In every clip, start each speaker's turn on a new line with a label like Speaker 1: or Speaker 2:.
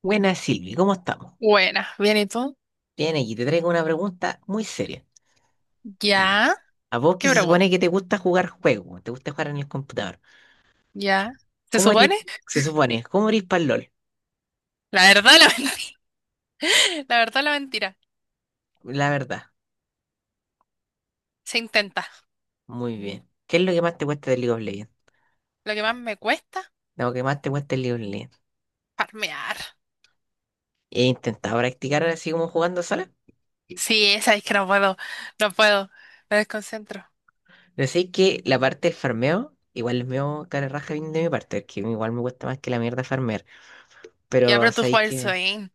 Speaker 1: Buenas Silvi, ¿cómo estamos?
Speaker 2: Buena, bien, ¿y tú?
Speaker 1: Bien, aquí te traigo una pregunta muy seria.
Speaker 2: Ya,
Speaker 1: A vos que
Speaker 2: ¿qué
Speaker 1: se
Speaker 2: pregunta?
Speaker 1: supone que te gusta jugar juegos, te gusta jugar en el computador.
Speaker 2: Ya, ¿se
Speaker 1: ¿Cómo eres,
Speaker 2: supone?
Speaker 1: se supone, cómo eres para LOL?
Speaker 2: La verdad, la mentira. La verdad, la mentira.
Speaker 1: La verdad,
Speaker 2: Se intenta.
Speaker 1: muy bien. ¿Qué es lo que más te cuesta del League of Legends?
Speaker 2: Lo que más me cuesta,
Speaker 1: Lo que más te cuesta del League of Legends.
Speaker 2: farmear.
Speaker 1: He intentado practicar así como jugando sola,
Speaker 2: Sí, esa es que no puedo, no puedo. Me desconcentro.
Speaker 1: pero sé que la parte del farmeo, igual es medio cara raja bien de mi parte, que igual me cuesta más que la mierda farmear.
Speaker 2: Ya,
Speaker 1: Pero
Speaker 2: pero tú
Speaker 1: sabéis
Speaker 2: juegas el
Speaker 1: que
Speaker 2: swing.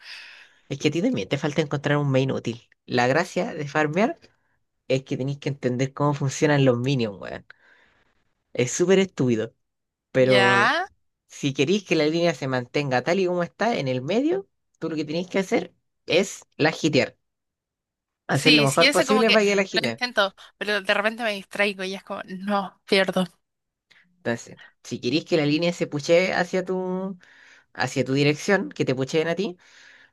Speaker 1: es que a ti también te falta encontrar un main útil. La gracia de farmear es que tenéis que entender cómo funcionan los minions, weón. Es súper estúpido. Pero
Speaker 2: Ya.
Speaker 1: si queréis que la línea se mantenga tal y como está en el medio, tú lo que tenéis que hacer es la hitear. Hacer lo
Speaker 2: Sí, sí,
Speaker 1: mejor
Speaker 2: eso como
Speaker 1: posible
Speaker 2: que
Speaker 1: para que la
Speaker 2: lo
Speaker 1: hiteen.
Speaker 2: intento, pero de repente me distraigo y es como, no, pierdo.
Speaker 1: Entonces, si queréis que la línea se puchee hacia tu dirección, que te pucheen a ti,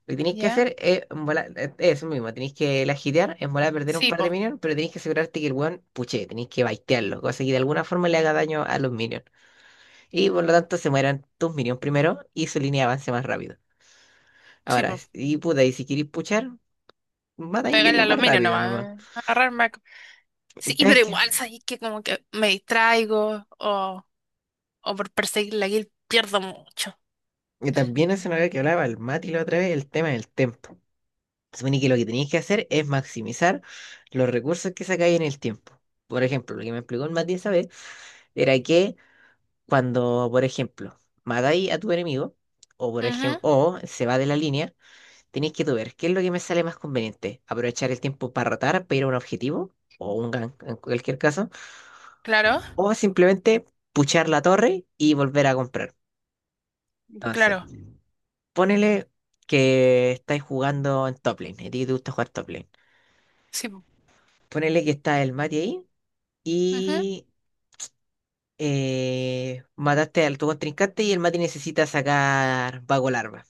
Speaker 1: lo que tenéis que
Speaker 2: Ya.
Speaker 1: hacer es, en bola- es eso mismo, tenéis que la hitear, en volar perder un
Speaker 2: Sí,
Speaker 1: par de
Speaker 2: po,
Speaker 1: minions, pero tenéis que asegurarte que el weón puchee, tenéis que baitearlo, cosa que de alguna forma le haga daño a los minions. Y por lo tanto se mueran tus minions primero y su línea de avance más rápido.
Speaker 2: sí,
Speaker 1: Ahora,
Speaker 2: po.
Speaker 1: y puta, y si queréis puchar, matáis
Speaker 2: Pegarle
Speaker 1: minions
Speaker 2: al
Speaker 1: más
Speaker 2: aluminio
Speaker 1: rápido nomás.
Speaker 2: nomás. Agarrarme. Sí,
Speaker 1: Tenés
Speaker 2: pero
Speaker 1: que-
Speaker 2: igual, sabes que como que me distraigo o por perseguir la guild pierdo mucho.
Speaker 1: Y también eso no había que hablaba el Mati la otra vez, el tema del tiempo. Se supone que lo que tenéis que hacer es maximizar los recursos que sacáis en el tiempo. Por ejemplo, lo que me explicó el Mati esa vez era que cuando, por ejemplo, matáis a tu enemigo, o por
Speaker 2: Ujú,
Speaker 1: ejemplo, o se va de la línea, tenéis que tú ver qué es lo que me sale más conveniente. Aprovechar el tiempo para rotar, para ir a un objetivo, o un gank en cualquier caso,
Speaker 2: claro,
Speaker 1: o simplemente puchar la torre y volver a comprar. Entonces,
Speaker 2: claro,
Speaker 1: ponele que estáis jugando en top lane, y a ti te gusta jugar top lane.
Speaker 2: sí, po.
Speaker 1: Ponele que está el Mati ahí
Speaker 2: Ujú,
Speaker 1: y mataste al tu contrincante y el Mati necesita sacar vago larva.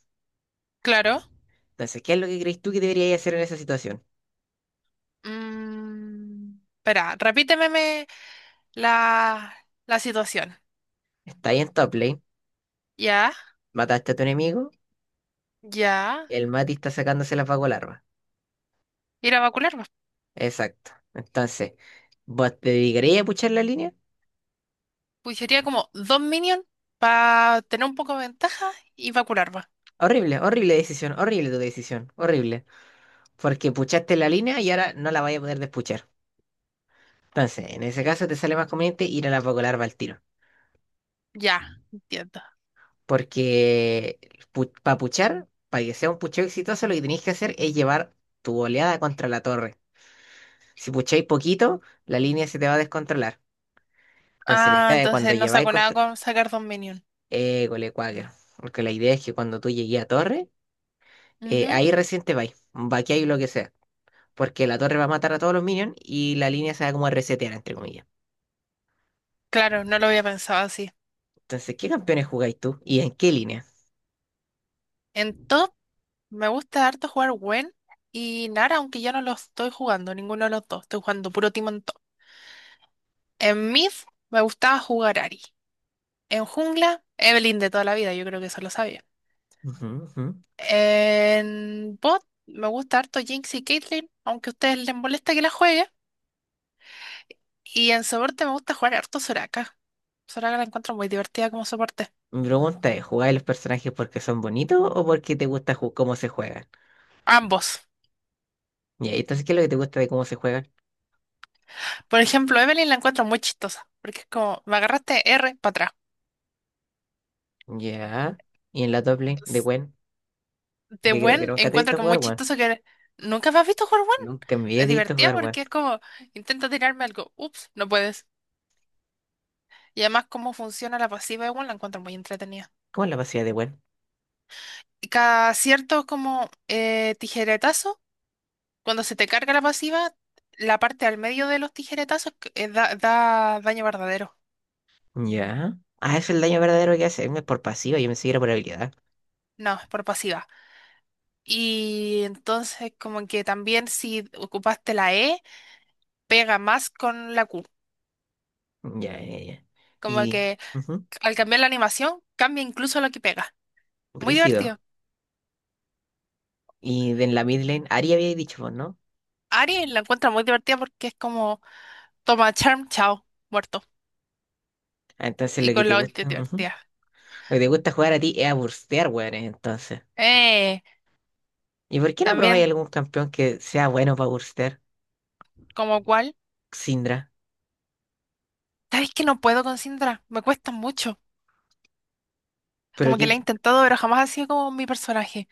Speaker 2: claro.
Speaker 1: Entonces, ¿qué es lo que crees tú que deberías hacer en esa situación?
Speaker 2: Espera, repíteme la, la situación.
Speaker 1: Está ahí en top lane,
Speaker 2: Ya,
Speaker 1: mataste a tu enemigo,
Speaker 2: ya.
Speaker 1: el Mati está sacándose las vago larvas.
Speaker 2: Ir a vacular, va.
Speaker 1: Exacto. Entonces, ¿vos te dedicarías a puchar la línea?
Speaker 2: Pues sería como dos minions para tener un poco de ventaja y vacular, va.
Speaker 1: Horrible, horrible decisión, horrible tu decisión, horrible. Porque puchaste la línea y ahora no la vas a poder despuchar. Entonces, en ese caso te sale más conveniente ir a la Paco Larva al tiro.
Speaker 2: Ya, entiendo.
Speaker 1: Porque para puchar, para que sea un pucheo exitoso, lo que tenéis que hacer es llevar tu oleada contra la torre. Si pucháis poquito, la línea se te va a descontrolar. Entonces, la
Speaker 2: Ah,
Speaker 1: idea es cuando
Speaker 2: entonces no
Speaker 1: lleváis
Speaker 2: saco nada
Speaker 1: contra...
Speaker 2: con sacar dos minions.
Speaker 1: École, cuáquero. Porque la idea es que cuando tú llegues a torre
Speaker 2: Ujú,
Speaker 1: ahí recién te vais, vaqueáis lo que sea, porque la torre va a matar a todos los minions y la línea se va como a resetear, entre comillas.
Speaker 2: claro, no lo había pensado así.
Speaker 1: Entonces, ¿qué campeones jugáis tú y en qué línea?
Speaker 2: Entonces, me gusta harto jugar Gwen y Nara, aunque ya no lo estoy jugando, ninguno de los dos. Estoy jugando puro Timon on Top. En mid me gustaba jugar Ari. En jungla, Evelynn de toda la vida, yo creo que eso lo sabía.
Speaker 1: Ujú, ujú.
Speaker 2: En bot me gusta harto Jinx y Caitlyn, aunque a ustedes les molesta que la juegue. Y en soporte me gusta jugar harto Soraka. Soraka la encuentro muy divertida como soporte.
Speaker 1: Mi pregunta es, ¿jugáis los personajes porque son bonitos o porque te gusta ju- cómo se juegan?
Speaker 2: Ambos.
Speaker 1: Ya, y entonces, ¿qué es lo que te gusta de cómo se juegan?
Speaker 2: Por ejemplo, Evelynn la encuentro muy chistosa, porque es como, me agarraste R para
Speaker 1: Ya, y en la top lane de
Speaker 2: atrás.
Speaker 1: Gwen,
Speaker 2: De
Speaker 1: que creo que
Speaker 2: Gwen
Speaker 1: nunca te he
Speaker 2: encuentro
Speaker 1: visto
Speaker 2: que es
Speaker 1: jugar
Speaker 2: muy
Speaker 1: Gwen.
Speaker 2: chistoso que nunca me has visto jugar Gwen.
Speaker 1: Nunca me había
Speaker 2: Es
Speaker 1: visto
Speaker 2: divertida
Speaker 1: jugar Gwen.
Speaker 2: porque es como, intenta tirarme algo, ups, no puedes. Y además cómo funciona la pasiva de Gwen la encuentro muy entretenida.
Speaker 1: ¿Cómo es la pasiva de Gwen?
Speaker 2: Y cada cierto como tijeretazo, cuando se te carga la pasiva, la parte al medio de los tijeretazos da daño verdadero.
Speaker 1: Ya. Ah, es el daño verdadero que hace. Es por pasiva, yo me seguía por habilidad.
Speaker 2: No, es por pasiva. Y entonces como que también si ocupaste la E, pega más con la Q.
Speaker 1: Ya, ya, ya.
Speaker 2: Como
Speaker 1: Y...
Speaker 2: que
Speaker 1: ujú.
Speaker 2: al cambiar la animación, cambia incluso lo que pega. Muy
Speaker 1: Brígido.
Speaker 2: divertido.
Speaker 1: Y de en la mid lane, Ari había dicho vos, ¿no?
Speaker 2: Ari la encuentra muy divertida porque es como toma charm, chao, muerto.
Speaker 1: Ah, entonces
Speaker 2: Y
Speaker 1: lo que
Speaker 2: con
Speaker 1: te
Speaker 2: la ulti
Speaker 1: gusta, ujú. Lo
Speaker 2: divertida.
Speaker 1: que te gusta jugar a ti es a burstear, weones, entonces.
Speaker 2: Eh,
Speaker 1: ¿Y por qué no probáis
Speaker 2: También
Speaker 1: algún campeón que sea bueno para burstear?
Speaker 2: como cual.
Speaker 1: Syndra.
Speaker 2: ¿Sabes que no puedo con Syndra? Me cuesta mucho.
Speaker 1: Pero
Speaker 2: Como
Speaker 1: que,
Speaker 2: que la he intentado, pero jamás ha sido como mi personaje.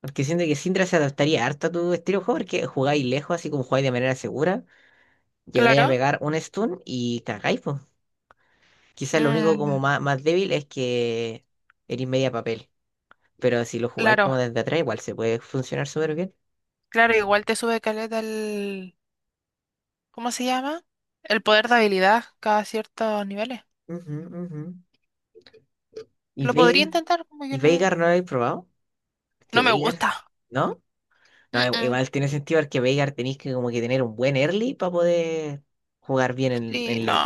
Speaker 1: porque siento que Syndra se adaptaría harto a tu estilo de juego, porque jugáis lejos, así como jugáis de manera segura, llegáis a
Speaker 2: Claro.
Speaker 1: pegar un stun y cagáis, pues. Quizás lo único como
Speaker 2: Mm,
Speaker 1: más, más débil es que eres media papel. Pero si lo jugáis
Speaker 2: claro.
Speaker 1: como desde atrás, igual se puede funcionar súper bien.
Speaker 2: Claro, igual te sube caleta el... ¿Cómo se llama? El poder de habilidad cada ciertos niveles.
Speaker 1: Ujú, ujú. Y
Speaker 2: Lo podría
Speaker 1: Veigar.
Speaker 2: intentar, como que
Speaker 1: ¿Y Veigar
Speaker 2: no...
Speaker 1: no lo habéis probado? Que
Speaker 2: No me
Speaker 1: Veigar,
Speaker 2: gusta.
Speaker 1: ¿no?
Speaker 2: Mm,
Speaker 1: No, i-
Speaker 2: mm.
Speaker 1: igual tiene sentido porque Veigar tenéis que como que tener un buen early para poder jugar bien en,
Speaker 2: Sí,
Speaker 1: en
Speaker 2: no.
Speaker 1: late.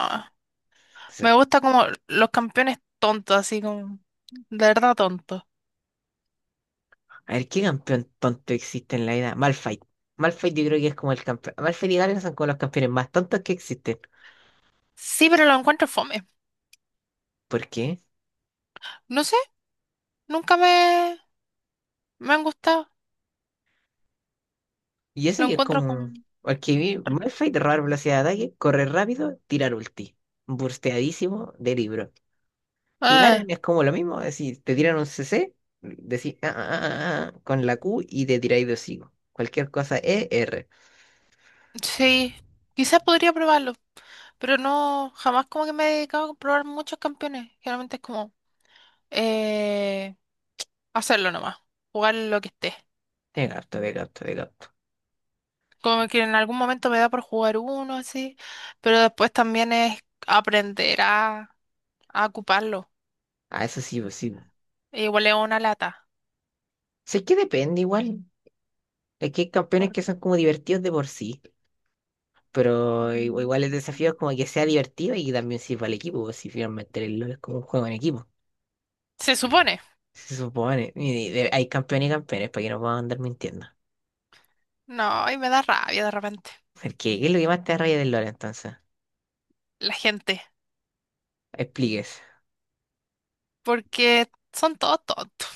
Speaker 2: Me
Speaker 1: Entonces,
Speaker 2: gusta como los campeones tontos, así como, de verdad tontos.
Speaker 1: a ver, ¿qué campeón tonto existe en la vida? Malphite. Malphite yo creo que es como el campeón. Malphite y Garen son como los campeones más tontos que existen.
Speaker 2: Sí, pero lo encuentro fome.
Speaker 1: ¿Por qué?
Speaker 2: No sé, nunca me, me han gustado.
Speaker 1: Y eso
Speaker 2: Lo
Speaker 1: que es
Speaker 2: encuentro
Speaker 1: como...
Speaker 2: con...
Speaker 1: Porque vi Malphite robar velocidad de ataque, correr rápido, tirar ulti. Bursteadísimo de libro. Y
Speaker 2: Ah,
Speaker 1: Garen es como lo mismo, es decir, te tiran un CC, decís "Ah, ah, ah, ah", ah, con la Q y te tiráis de hocico. Cualquier cosa ER.
Speaker 2: sí, quizás podría probarlo, pero no, jamás como que me he dedicado a probar muchos campeones. Generalmente es como eh, hacerlo nomás, jugar lo que esté.
Speaker 1: De gato, de gato, de gato.
Speaker 2: Como que en algún momento me da por jugar uno así, pero después también es aprender a ocuparlo.
Speaker 1: Ah, eso sí, pues sí pues.
Speaker 2: E igual es una lata.
Speaker 1: Sé que depende igual. Es que hay campeones que son como divertidos de por sí. Pero i-
Speaker 2: Ujú.
Speaker 1: igual el desafío es como que sea divertido y que también sirva al equipo, pues. Si finalmente el LoL es como un juego en equipo.
Speaker 2: Se supone.
Speaker 1: Se supone. Y de- hay campeones y campeones para que no puedan andar mintiendo.
Speaker 2: No, y me da rabia de repente
Speaker 1: Porque, ¿qué es lo que más te da rabia del LoL entonces?
Speaker 2: la gente,
Speaker 1: Explíquese.
Speaker 2: porque son todos tontos,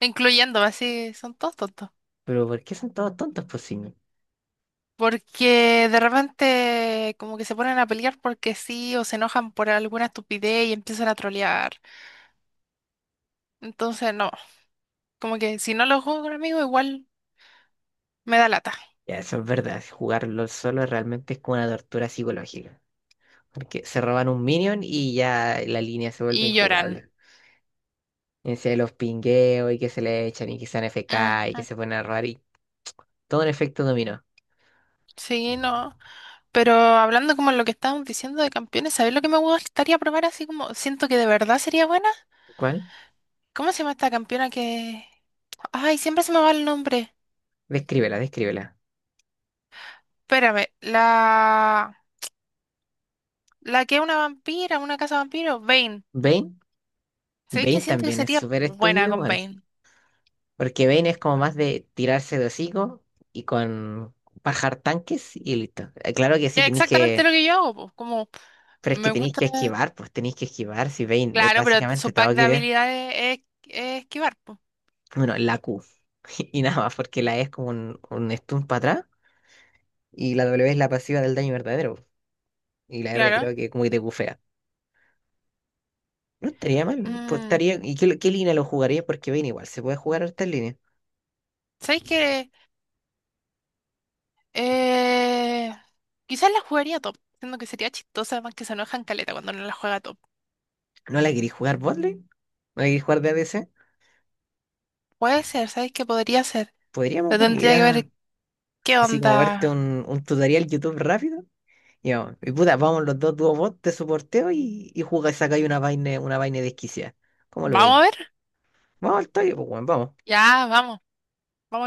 Speaker 2: incluyéndome así, son todos tontos.
Speaker 1: Pero ¿por qué son todos tontos, pues sí?
Speaker 2: Porque de repente como que se ponen a pelear porque sí o se enojan por alguna estupidez y empiezan a trolear. Entonces no, como que si no lo juego con amigos igual me da lata
Speaker 1: Ya, eso es verdad, jugarlo solo realmente es como una tortura psicológica. Porque se roban un minion y ya la línea se vuelve
Speaker 2: y lloran.
Speaker 1: injugable. En serio, los pingueos y que se le echan y que sean FK y
Speaker 2: Ujú.
Speaker 1: que se ponen a robar y todo un efecto dominó.
Speaker 2: Sí, no. Pero hablando como lo que estábamos diciendo de campeones, ¿sabes lo que me gustaría probar así como siento que de verdad sería bueno?
Speaker 1: ¿Cuál?
Speaker 2: ¿Cómo se llama esta campeona que...? Ay, siempre se me va el nombre.
Speaker 1: Descríbela, descríbela.
Speaker 2: Espérame, la... La que es una vampira, una casa vampiro, Vayne.
Speaker 1: Vayne,
Speaker 2: ¿Sabéis que
Speaker 1: Vayne
Speaker 2: siento que
Speaker 1: también es
Speaker 2: sería
Speaker 1: súper
Speaker 2: buena
Speaker 1: estúpido
Speaker 2: con
Speaker 1: igual.
Speaker 2: Vayne?
Speaker 1: Porque Vayne es como más de tirarse de hocico y con bajar tanques y listo. Claro que sí
Speaker 2: Que es
Speaker 1: tenéis
Speaker 2: exactamente
Speaker 1: que,
Speaker 2: lo que yo hago, po. Como
Speaker 1: pero es que
Speaker 2: me
Speaker 1: tenéis
Speaker 2: gusta...
Speaker 1: que esquivar, pues tenéis que esquivar si Vayne es
Speaker 2: Claro, pero
Speaker 1: básicamente
Speaker 2: su pack
Speaker 1: todo que
Speaker 2: de
Speaker 1: idea.
Speaker 2: habilidades es esquivar, pues.
Speaker 1: Bueno, la Q. Y nada más, porque la E es como un stun para atrás y la W es la pasiva del daño verdadero. Y la R
Speaker 2: Claro.
Speaker 1: creo que como que te bufea. No estaría mal, pues
Speaker 2: Mm,
Speaker 1: estaría. ¿Y qué, qué línea lo jugaría? Porque ven igual, se puede jugar hartas líneas.
Speaker 2: ¿sabéis que...? Eh, Quizás la jugaría top, siendo que sería chistosa, además que se enojan caleta cuando no la juega top.
Speaker 1: ¿No la querís jugar botlane? ¿No la querís jugar de ADC?
Speaker 2: Puede ser, ¿sabéis que podría ser?
Speaker 1: Podríamos
Speaker 2: Lo
Speaker 1: bueno,
Speaker 2: tendría
Speaker 1: ir
Speaker 2: que
Speaker 1: a
Speaker 2: ver qué
Speaker 1: así como verte
Speaker 2: onda...
Speaker 1: un tutorial YouTube rápido. Y vamos, y puta, vamos los dos dúo bot, te soporteo y jugáis, sacáis una vaina desquiciada. ¿Cómo lo
Speaker 2: Vamos
Speaker 1: veis?
Speaker 2: a ver.
Speaker 1: Vamos al toque, pues bueno, vamos.
Speaker 2: Ya, vamos. Vamos